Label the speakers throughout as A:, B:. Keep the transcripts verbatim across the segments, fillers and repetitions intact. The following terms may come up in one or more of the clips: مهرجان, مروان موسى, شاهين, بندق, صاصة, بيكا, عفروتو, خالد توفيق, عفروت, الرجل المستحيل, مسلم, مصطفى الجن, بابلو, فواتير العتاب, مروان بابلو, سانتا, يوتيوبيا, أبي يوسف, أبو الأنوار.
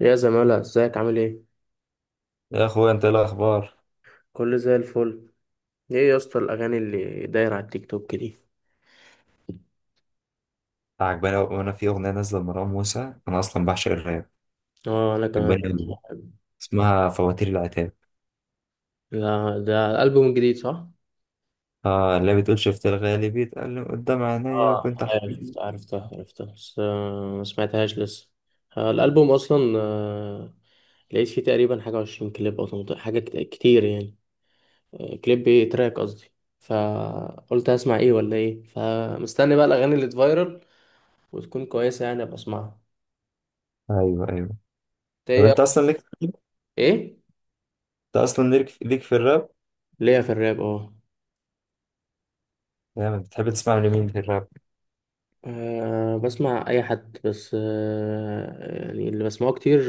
A: يا زمالة، ازيك؟ عامل ايه؟
B: يا اخويا، انت ايه الاخبار؟
A: كله زي الفل. ايه يا اسطى الاغاني اللي دايرة على التيك توك دي؟
B: عجباني أوي- وانا في اغنيه نازله لمروان موسى. انا اصلا بعشق الراب.
A: اه انا كمان.
B: عجباني أوي. اسمها فواتير العتاب.
A: لا ده الالبوم الجديد صح.
B: اه، اللي بتقول: شفت الغالي بيتقال قدام عينيا
A: اه.
B: وكنت
A: ايوه
B: احكي.
A: شفت، عرفتها عرفتها بس، آه، ما سمعتهاش لسه. آه، الالبوم اصلا آه، لقيت فيه تقريبا حاجه عشرين كليب او ثمانية عشر حاجه كت- كتير يعني. آه، كليب ايه، تراك قصدي. فقلت هسمع ايه ولا ايه، فمستني بقى الاغاني اللي تفايرل وتكون كويسه يعني ابقى اسمعها.
B: ايوه، ايوه.
A: إنت
B: طب انت
A: ايه؟
B: اصلا ليك
A: ايه؟
B: انت اصلا ليك ليك في الراب؟
A: ليا في الراب اه.
B: يعني بتحب تسمع لمين في الراب؟
A: أه بسمع أي حد، بس أه يعني اللي بسمعه كتير،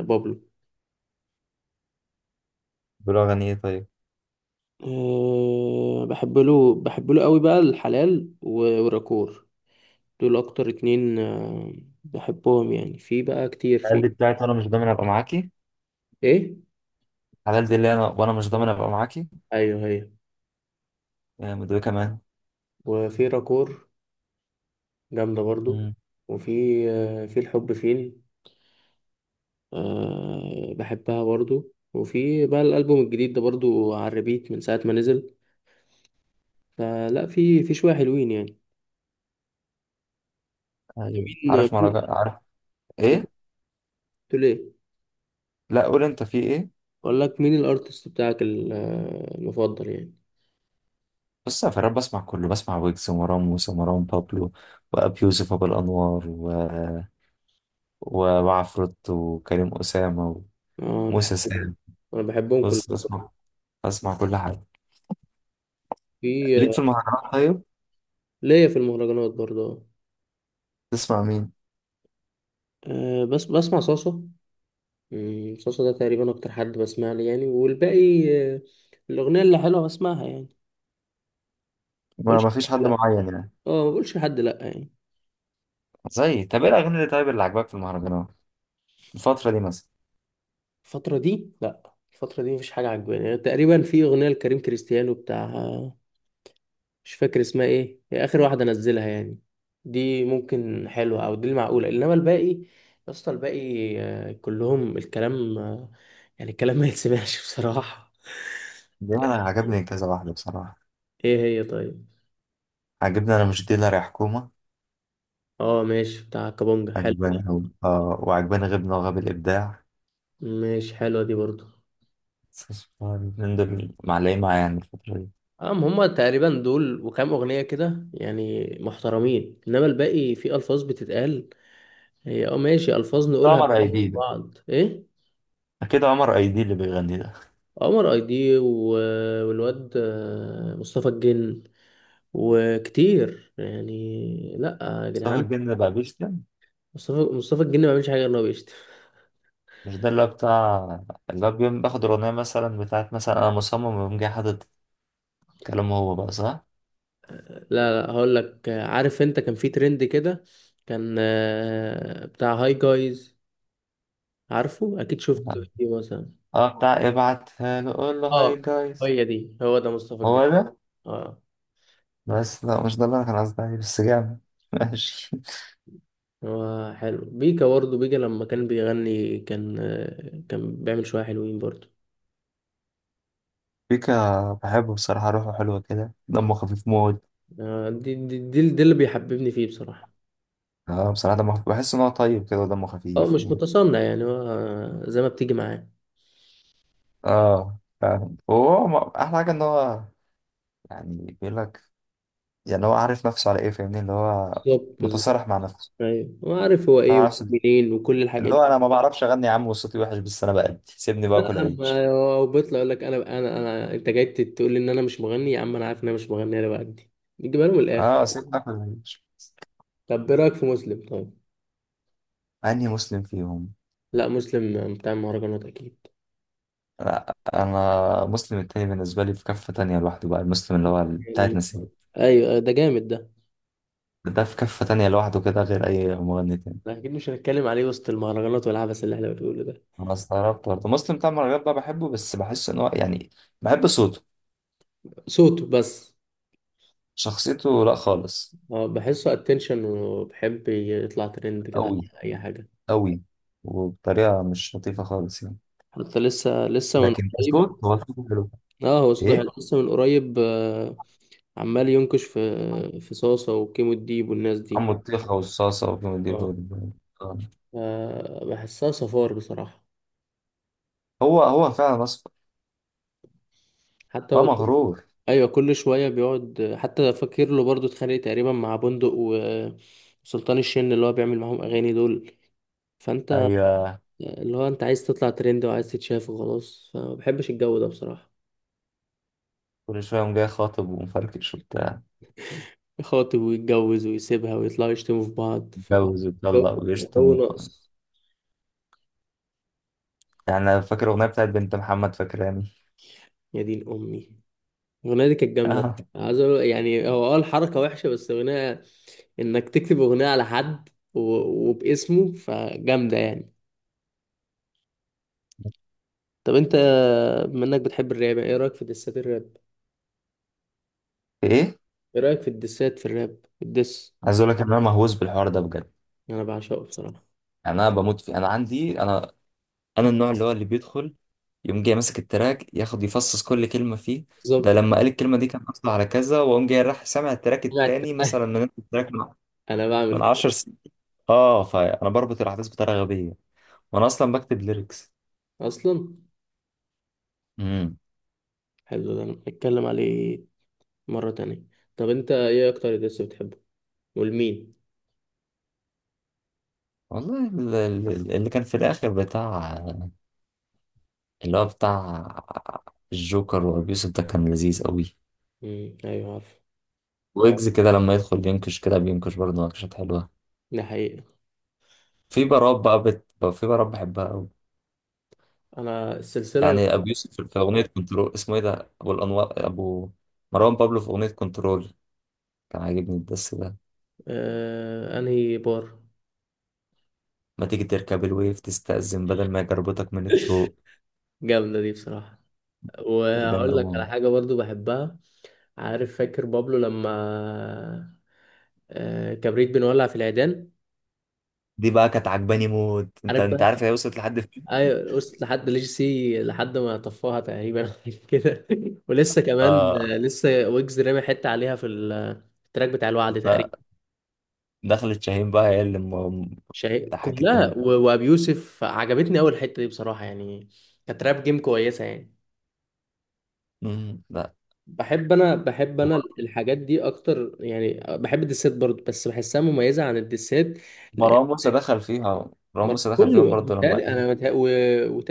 A: أه، بابلو.
B: بيقولوا اغاني ايه طيب؟
A: أه بحب له، بحب له قوي بقى الحلال و- والراكور. دول أكتر اتنين، أه. بحبهم يعني، في بقى كتير
B: الحلال دي
A: في.
B: بتاعت انا مش ضامن ابقى معاكي
A: إيه؟
B: الحلال دي اللي انا وانا مش ضامن
A: آه،
B: ابقى معاكي.
A: أيوه هي.
B: يا مدوي كمان.
A: وفي راكور، جامدة برضو.
B: امم
A: وفي أه في الحب فين، أه بحبها برضو، وفي بقى الألبوم الجديد ده برضو على الريبيت من ساعة ما نزل. فلا، في في شوية حلوين يعني.
B: ايوه، عارف
A: مين؟
B: مهرجان، عارف.
A: ايه قلت؟
B: ايه؟
A: له ليه؟
B: لا، قول انت في ايه.
A: اقول لك مين الارتست بتاعك ال- المفضل يعني.
B: بص يا فراد، بسمع كله، بسمع ويجز ومروان موسى ومروان بابلو وأبي يوسف أبو الأنوار و... و- وعفروت وكريم أسامة
A: اه
B: وموسى
A: بحبهم.
B: سام.
A: انا بحبهم كلهم.
B: بص بسمع، بسمع كل حاجة. ليك
A: في.
B: في المهرجانات طيب؟
A: ليا في المهرجانات برضه.
B: تسمع مين؟
A: آه. آه، بس بسمع صاصة. مم، صاصة ده تقريبا اكتر حد بسمع لي يعني، والباقي آه، الاغنية اللي حلوة بسمعها يعني. ما
B: ما
A: بقولش
B: ما فيش
A: لحد
B: حد
A: لا.
B: معين يعني.
A: اه ما بقولش لحد لا يعني.
B: زي، طب إيه الأغاني اللي، طيب، اللي عجبك في المهرجانات الفترة دي مثلا؟
A: الفترة دي، لا الفترة دي مفيش حاجة عجباني يعني. تقريبا في اغنية لكريم كريستيانو بتاع، مش فاكر اسمها ايه، هي اخر واحده انزلها يعني. دي ممكن حلوه، او دي المعقوله، انما الباقي يا اسطى الباقي آه، كلهم الكلام آه، يعني الكلام ما يتسمعش بصراحه.
B: دي أنا عجبني كذا واحدة بصراحة.
A: ايه هي طيب؟
B: عجبني أنا مش ديلر يا حكومة.
A: اه ماشي، بتاع كابونجا حلوه دي.
B: عجباني أوي. آه وعجباني غبنا وغاب الإبداع.
A: ماشي حلوه دي برضو.
B: من دول معلقين معايا يعني الفترة دي.
A: ام هما تقريبا دول وكام اغنيه كده يعني محترمين، انما الباقي في الفاظ بتتقال. هي اه ماشي، الفاظ نقولها
B: عمر
A: بين
B: أيدي،
A: بعض ايه.
B: اكيد عمر ايدي اللي بيغني ده.
A: عمر اي دي و- والواد آه، مصطفى الجن، وكتير يعني لا. يا
B: مصطفى
A: جدعان،
B: الجن بقى بيشتم.
A: مصطفى مصطفى الجن ما بيعملش حاجه غير ان هو بيشتم.
B: مش ده اللي هو بتاع، اللي هو بيقوم باخد الاغنيه مثلا بتاعت مثلا انا مصمم ويقوم جاي حاطط كلامه هو بقى، صح؟
A: لا لا، هقول لك آه، عارف انت كان في ترند كده؟ كان آه، بتاع هاي جايز، عارفه؟ اكيد شفت فيديو مثلا.
B: اه، بتاع ابعتها له، قول له هاي
A: اه.
B: جايز.
A: هي دي، هو ده مصطفى الجن.
B: هو ده.
A: اه.
B: بس لا، مش ده اللي انا كان قصدي عليه، بس جامد ماشي.
A: هو حلو بيكا برضه. بيكا لما كان بيغني كان آه، كان بيعمل شويه حلوين برضه.
B: بيكا بحبه بصراحة، روحه حلوة كده، دمه خفيف موت.
A: آه، دي دي, دي, دي اللي بيحببني فيه بصراحه.
B: اه، بصراحة دمه خفيف، بحس ان هو طيب كده ودمه
A: اه
B: خفيف.
A: مش متصنع يعني، هو زي ما بتيجي معاه.
B: اه، فاهم. وهو م- احلى حاجة ان هو، يعني بيقول لك، يعني هو عارف نفسه على ايه، فاهمني، اللي هو
A: بالظبط بالظبط.
B: متصارح مع نفسه.
A: ايوه هو عارف هو ايه
B: مع نفسه،
A: ومنين وكل
B: اللي
A: الحاجات دي.
B: هو: انا ما بعرفش اغني يا عم وصوتي وحش، بس انا بأدي، سيبني
A: لا،
B: باكل عيش.
A: اما هو بيطلع يقول لك انا انا انا انت جاي تقول لي ان انا مش مغني يا عم، انا عارف ان انا مش مغني، انا بأدي. بيجيبها لهم الاخر.
B: اه، سيبني اكل عيش.
A: طب ايه رايك في مسلم طيب؟
B: اني مسلم فيهم؟
A: لا مسلم بتاع المهرجانات اكيد.
B: لا، انا مسلم التاني بالنسبه لي في كفه تانية لوحده بقى، المسلم اللي هو بتاعت
A: يعني
B: نسيب.
A: ايوه، آه، ده جامد ده.
B: ده في كفه تانية لوحده كده غير اي مغني تاني.
A: لا، اكيد مش هنتكلم عليه وسط المهرجانات والعبث اللي احنا بنقوله ده.
B: انا استغربت برضه مسلم بتاع المهرجانات بقى، بحبه بس بحس ان هو يعني، بحب صوته.
A: صوته بس.
B: شخصيته لا خالص.
A: اه بحسه اتنشن، وبحب يطلع ترند كده على
B: قوي
A: اي حاجه.
B: قوي. وبطريقه مش لطيفه خالص يعني.
A: حتى لسه، لسه من
B: لكن
A: قريب.
B: كصوت، هو الصوت حلو.
A: اه هو صوته
B: ايه؟
A: حلو. لسه من قريب آه، عمال ينكش في في صاصة وكيمو الديب والناس دي.
B: عم الطيخة والصلصة والجندب
A: اه.
B: وال- آه.
A: آه، بحسها صفار بصراحة.
B: هو هو فعلا اصفر.
A: حتى
B: اه،
A: هو كل-
B: مغرور.
A: ايوه كل شوية بيقعد. حتى فاكر له برضه اتخانق تقريبا مع بندق و- وسلطان الشن، اللي هو بيعمل معاهم اغاني دول، فانت
B: ايوه
A: اللي هو انت عايز تطلع ترند وعايز تتشاف وخلاص، فما بحبش الجو ده بصراحة.
B: كل شوية قام جاي خاطب ومفركش وبتاع،
A: يخاطب ويتجوز ويسيبها ويطلعوا يشتموا في بعض، فجو،
B: متجوز
A: جو
B: ويطلق ويشتم و-
A: ناقص.
B: يعني. انا فاكر الاغنية بتاعت بنت محمد فاكراني
A: يا دين امي، الأغنية دي كانت جامدة. عايز أقول يعني هو، اه الحركة وحشة، بس أغنية إنك تكتب أغنية على حد و- وباسمه فجامدة يعني. طب أنت، بما إنك بتحب الراب، إيه رأيك في دسات الراب؟
B: ايه؟
A: إيه رأيك في الدسات في الراب؟ الدس،
B: عايز اقول لك ان انا مهووس بالحوار ده بجد.
A: أنا بعشقه بصراحة.
B: يعني انا بموت فيه، انا عندي انا انا النوع اللي هو اللي بيدخل يقوم جاي ماسك التراك، ياخد يفصص كل كلمة فيه. ده
A: بالظبط،
B: لما قال الكلمة دي كان قصده على كذا، وقام جاي راح سامع التراك
A: أنا
B: التاني
A: التنقل.
B: مثلا من نفس التراك
A: أنا بعمل
B: من
A: كده
B: عشر سنين. اه، فانا بربط الاحداث بطريقه غبيه. وانا اصلا بكتب ليركس.
A: أصلا.
B: امم
A: حلو ده، نتكلم عليه مرة تانية. طب أنت إيه أكتر دس بتحبه؟ والمين؟
B: والله ال- ال- اللي كان في الاخر بتاع، اللي هو بتاع الجوكر وابي يوسف، ده كان لذيذ قوي.
A: مم. أيوه عارف.
B: ويجز كده لما يدخل ينكش، كده بينكش برضه نكشات حلوه.
A: ده حقيقة.
B: في بارات بقى بت... في بارات بحبها قوي.
A: أنا السلسلة.
B: يعني ابو يوسف في في اغنيه كنترول، اسمه ايه ده، ابو الانوار، ابو، مروان بابلو في اغنيه كنترول، كان عاجبني الدس ده.
A: آه... أنهي بار؟
B: ما تيجي تركب الويف، تستأذن بدل ما يجربتك من الطوق.
A: جامدة دي بصراحة.
B: كانت
A: وهقول لك
B: جامده.
A: على حاجة برضو بحبها. عارف فاكر بابلو لما آه، كبريت بنولع في العيدان؟
B: دي بقى كانت عجباني موت. انت
A: عارف
B: انت
A: بقى.
B: عارف هي وصلت لحد فين؟
A: ايوه وصلت لحد ليج سي لحد ما طفاها تقريبا كده. ولسه كمان،
B: اه.
A: آه، لسه ويجز رامي حتة عليها في ال- التراك بتاع الوعد
B: لا،
A: تقريبا.
B: دخلت شاهين بقى، هي اللي م-
A: شيء
B: ضحكتني موت.
A: كلها و- وابي يوسف عجبتني اول حتة دي بصراحة يعني. كانت راب جيم كويسة يعني.
B: مم، لا.
A: بحب انا بحب انا الحاجات دي اكتر يعني، بحب الدسات برضو بس بحسها مميزه عن الدسات. لأن
B: مروان موسى دخل فيها، مروان
A: مر-
B: موسى دخل فيهم
A: كله
B: برضه لما
A: بيتهيألي-
B: قال:
A: انا متهيأ- و...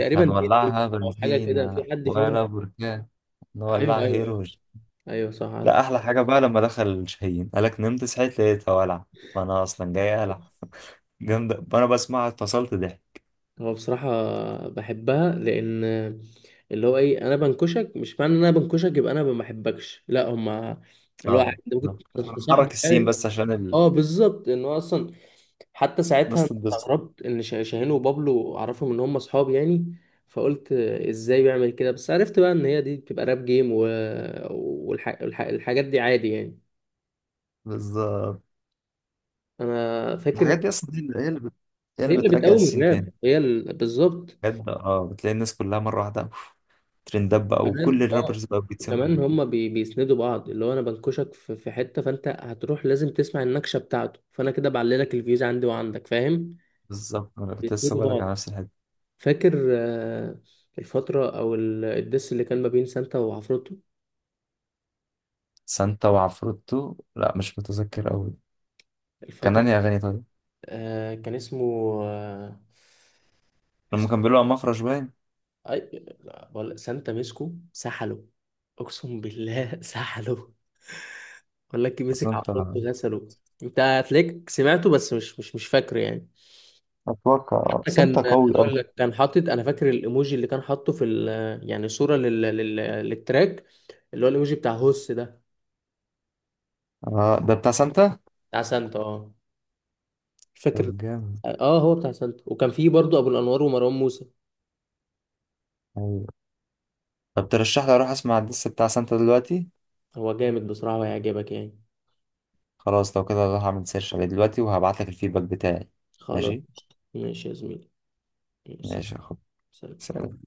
B: مش
A: دينيو
B: هنولعها
A: او حاجه كده في
B: بنزينة
A: حد فيهم.
B: ولا بركان،
A: ايوه ايوه
B: نولعها
A: ايوه.
B: هيروج.
A: ايوه صح
B: لا،
A: عارف.
B: أحلى حاجة بقى لما دخل شاهين، قالك: نمت صحيت لقيتها ولع، وأنا أصلا جاي ألع جامدة، وأنا بسمعها اتفصلت ضحك.
A: هو بصراحه بحبها لان اللي هو ايه، انا بنكشك مش معنى ان انا بنكشك يبقى انا ما بحبكش، لا، هما اللي هو
B: اه،
A: عادي، ممكن
B: بالظبط. حرك
A: تصاحبك
B: السين
A: يعني.
B: بس عشان ال-
A: اه بالظبط، ان هو اصلا حتى ساعتها
B: الناس
A: أنا
B: تتبسط.
A: استغربت ان شه- شاهين وبابلو اعرفهم ان هم اصحاب يعني، فقلت ازاي بيعمل كده، بس عرفت بقى ان هي دي بتبقى راب جيم و... والح... والح... الحاجات دي عادي يعني.
B: بالظبط.
A: انا فاكر
B: الحاجات دي اصلا هي اللي هي اللي بت... هي
A: هي
B: اللي
A: اللي
B: بترجع
A: بتقوم
B: السين
A: الراب،
B: تاني.
A: هي ال... بالظبط.
B: بجد، اه، بتلاقي الناس كلها مره واحده أوف، ترندات بقى وكل
A: كمان اه.
B: الرابرز بقى بيتسمعوا.
A: وكمان هم بي... بيسندوا بعض، اللي هو انا بنكشك في... في حتة، فانت هتروح لازم تسمع النكشة بتاعته، فانا كده بعللك الفيوز عندي وعندك، فاهم؟
B: بالظبط، انا كنت لسه
A: بيسندوا
B: بقولك على
A: بعض.
B: نفس الحته.
A: فاكر آه، الفترة أو ال- الدس اللي كان ما بين سانتا وعفروتو؟
B: سانتا وعفروتو، لا مش متذكر قوي. كان
A: الفترة،
B: انهي اغاني طيب؟
A: آه كان اسمه، آه،
B: لما
A: اسمه
B: كان بيقولوا على مفرش باين.
A: أي... لا، بقول سانتا مسكو سحله، اقسم بالله سحله، بقول لك مسك
B: سانتا،
A: عفروت غسله. انت هتلاقيك سمعته بس مش مش مش فاكره يعني.
B: اتوقع
A: حتى كان،
B: سانتا قوي قوي.
A: هقول لك كان حاطط، انا فاكر الايموجي اللي كان حاطه في ال... يعني صورة لل... لل... للتراك، اللي هو الايموجي بتاع هوس ده.
B: اه، ده بتاع سانتا.
A: بتاع سانتا اه. مش فاكر.
B: طب جامد.
A: اه هو بتاع سانتا وكان فيه برضو ابو الانوار ومروان موسى.
B: ايوه. طب ترشح لي اروح اسمع الدس بتاع سانتا دلوقتي؟
A: هو جامد بصراحة وهيعجبك يعني.
B: خلاص، لو كده هروح اعمل سيرش عليه دلوقتي وهبعت لك الفيدباك بتاعي.
A: خلاص.
B: ماشي.
A: ماشي يا زميلي. سلام.
B: ماشي يا اخويا.
A: سلام.
B: سلام.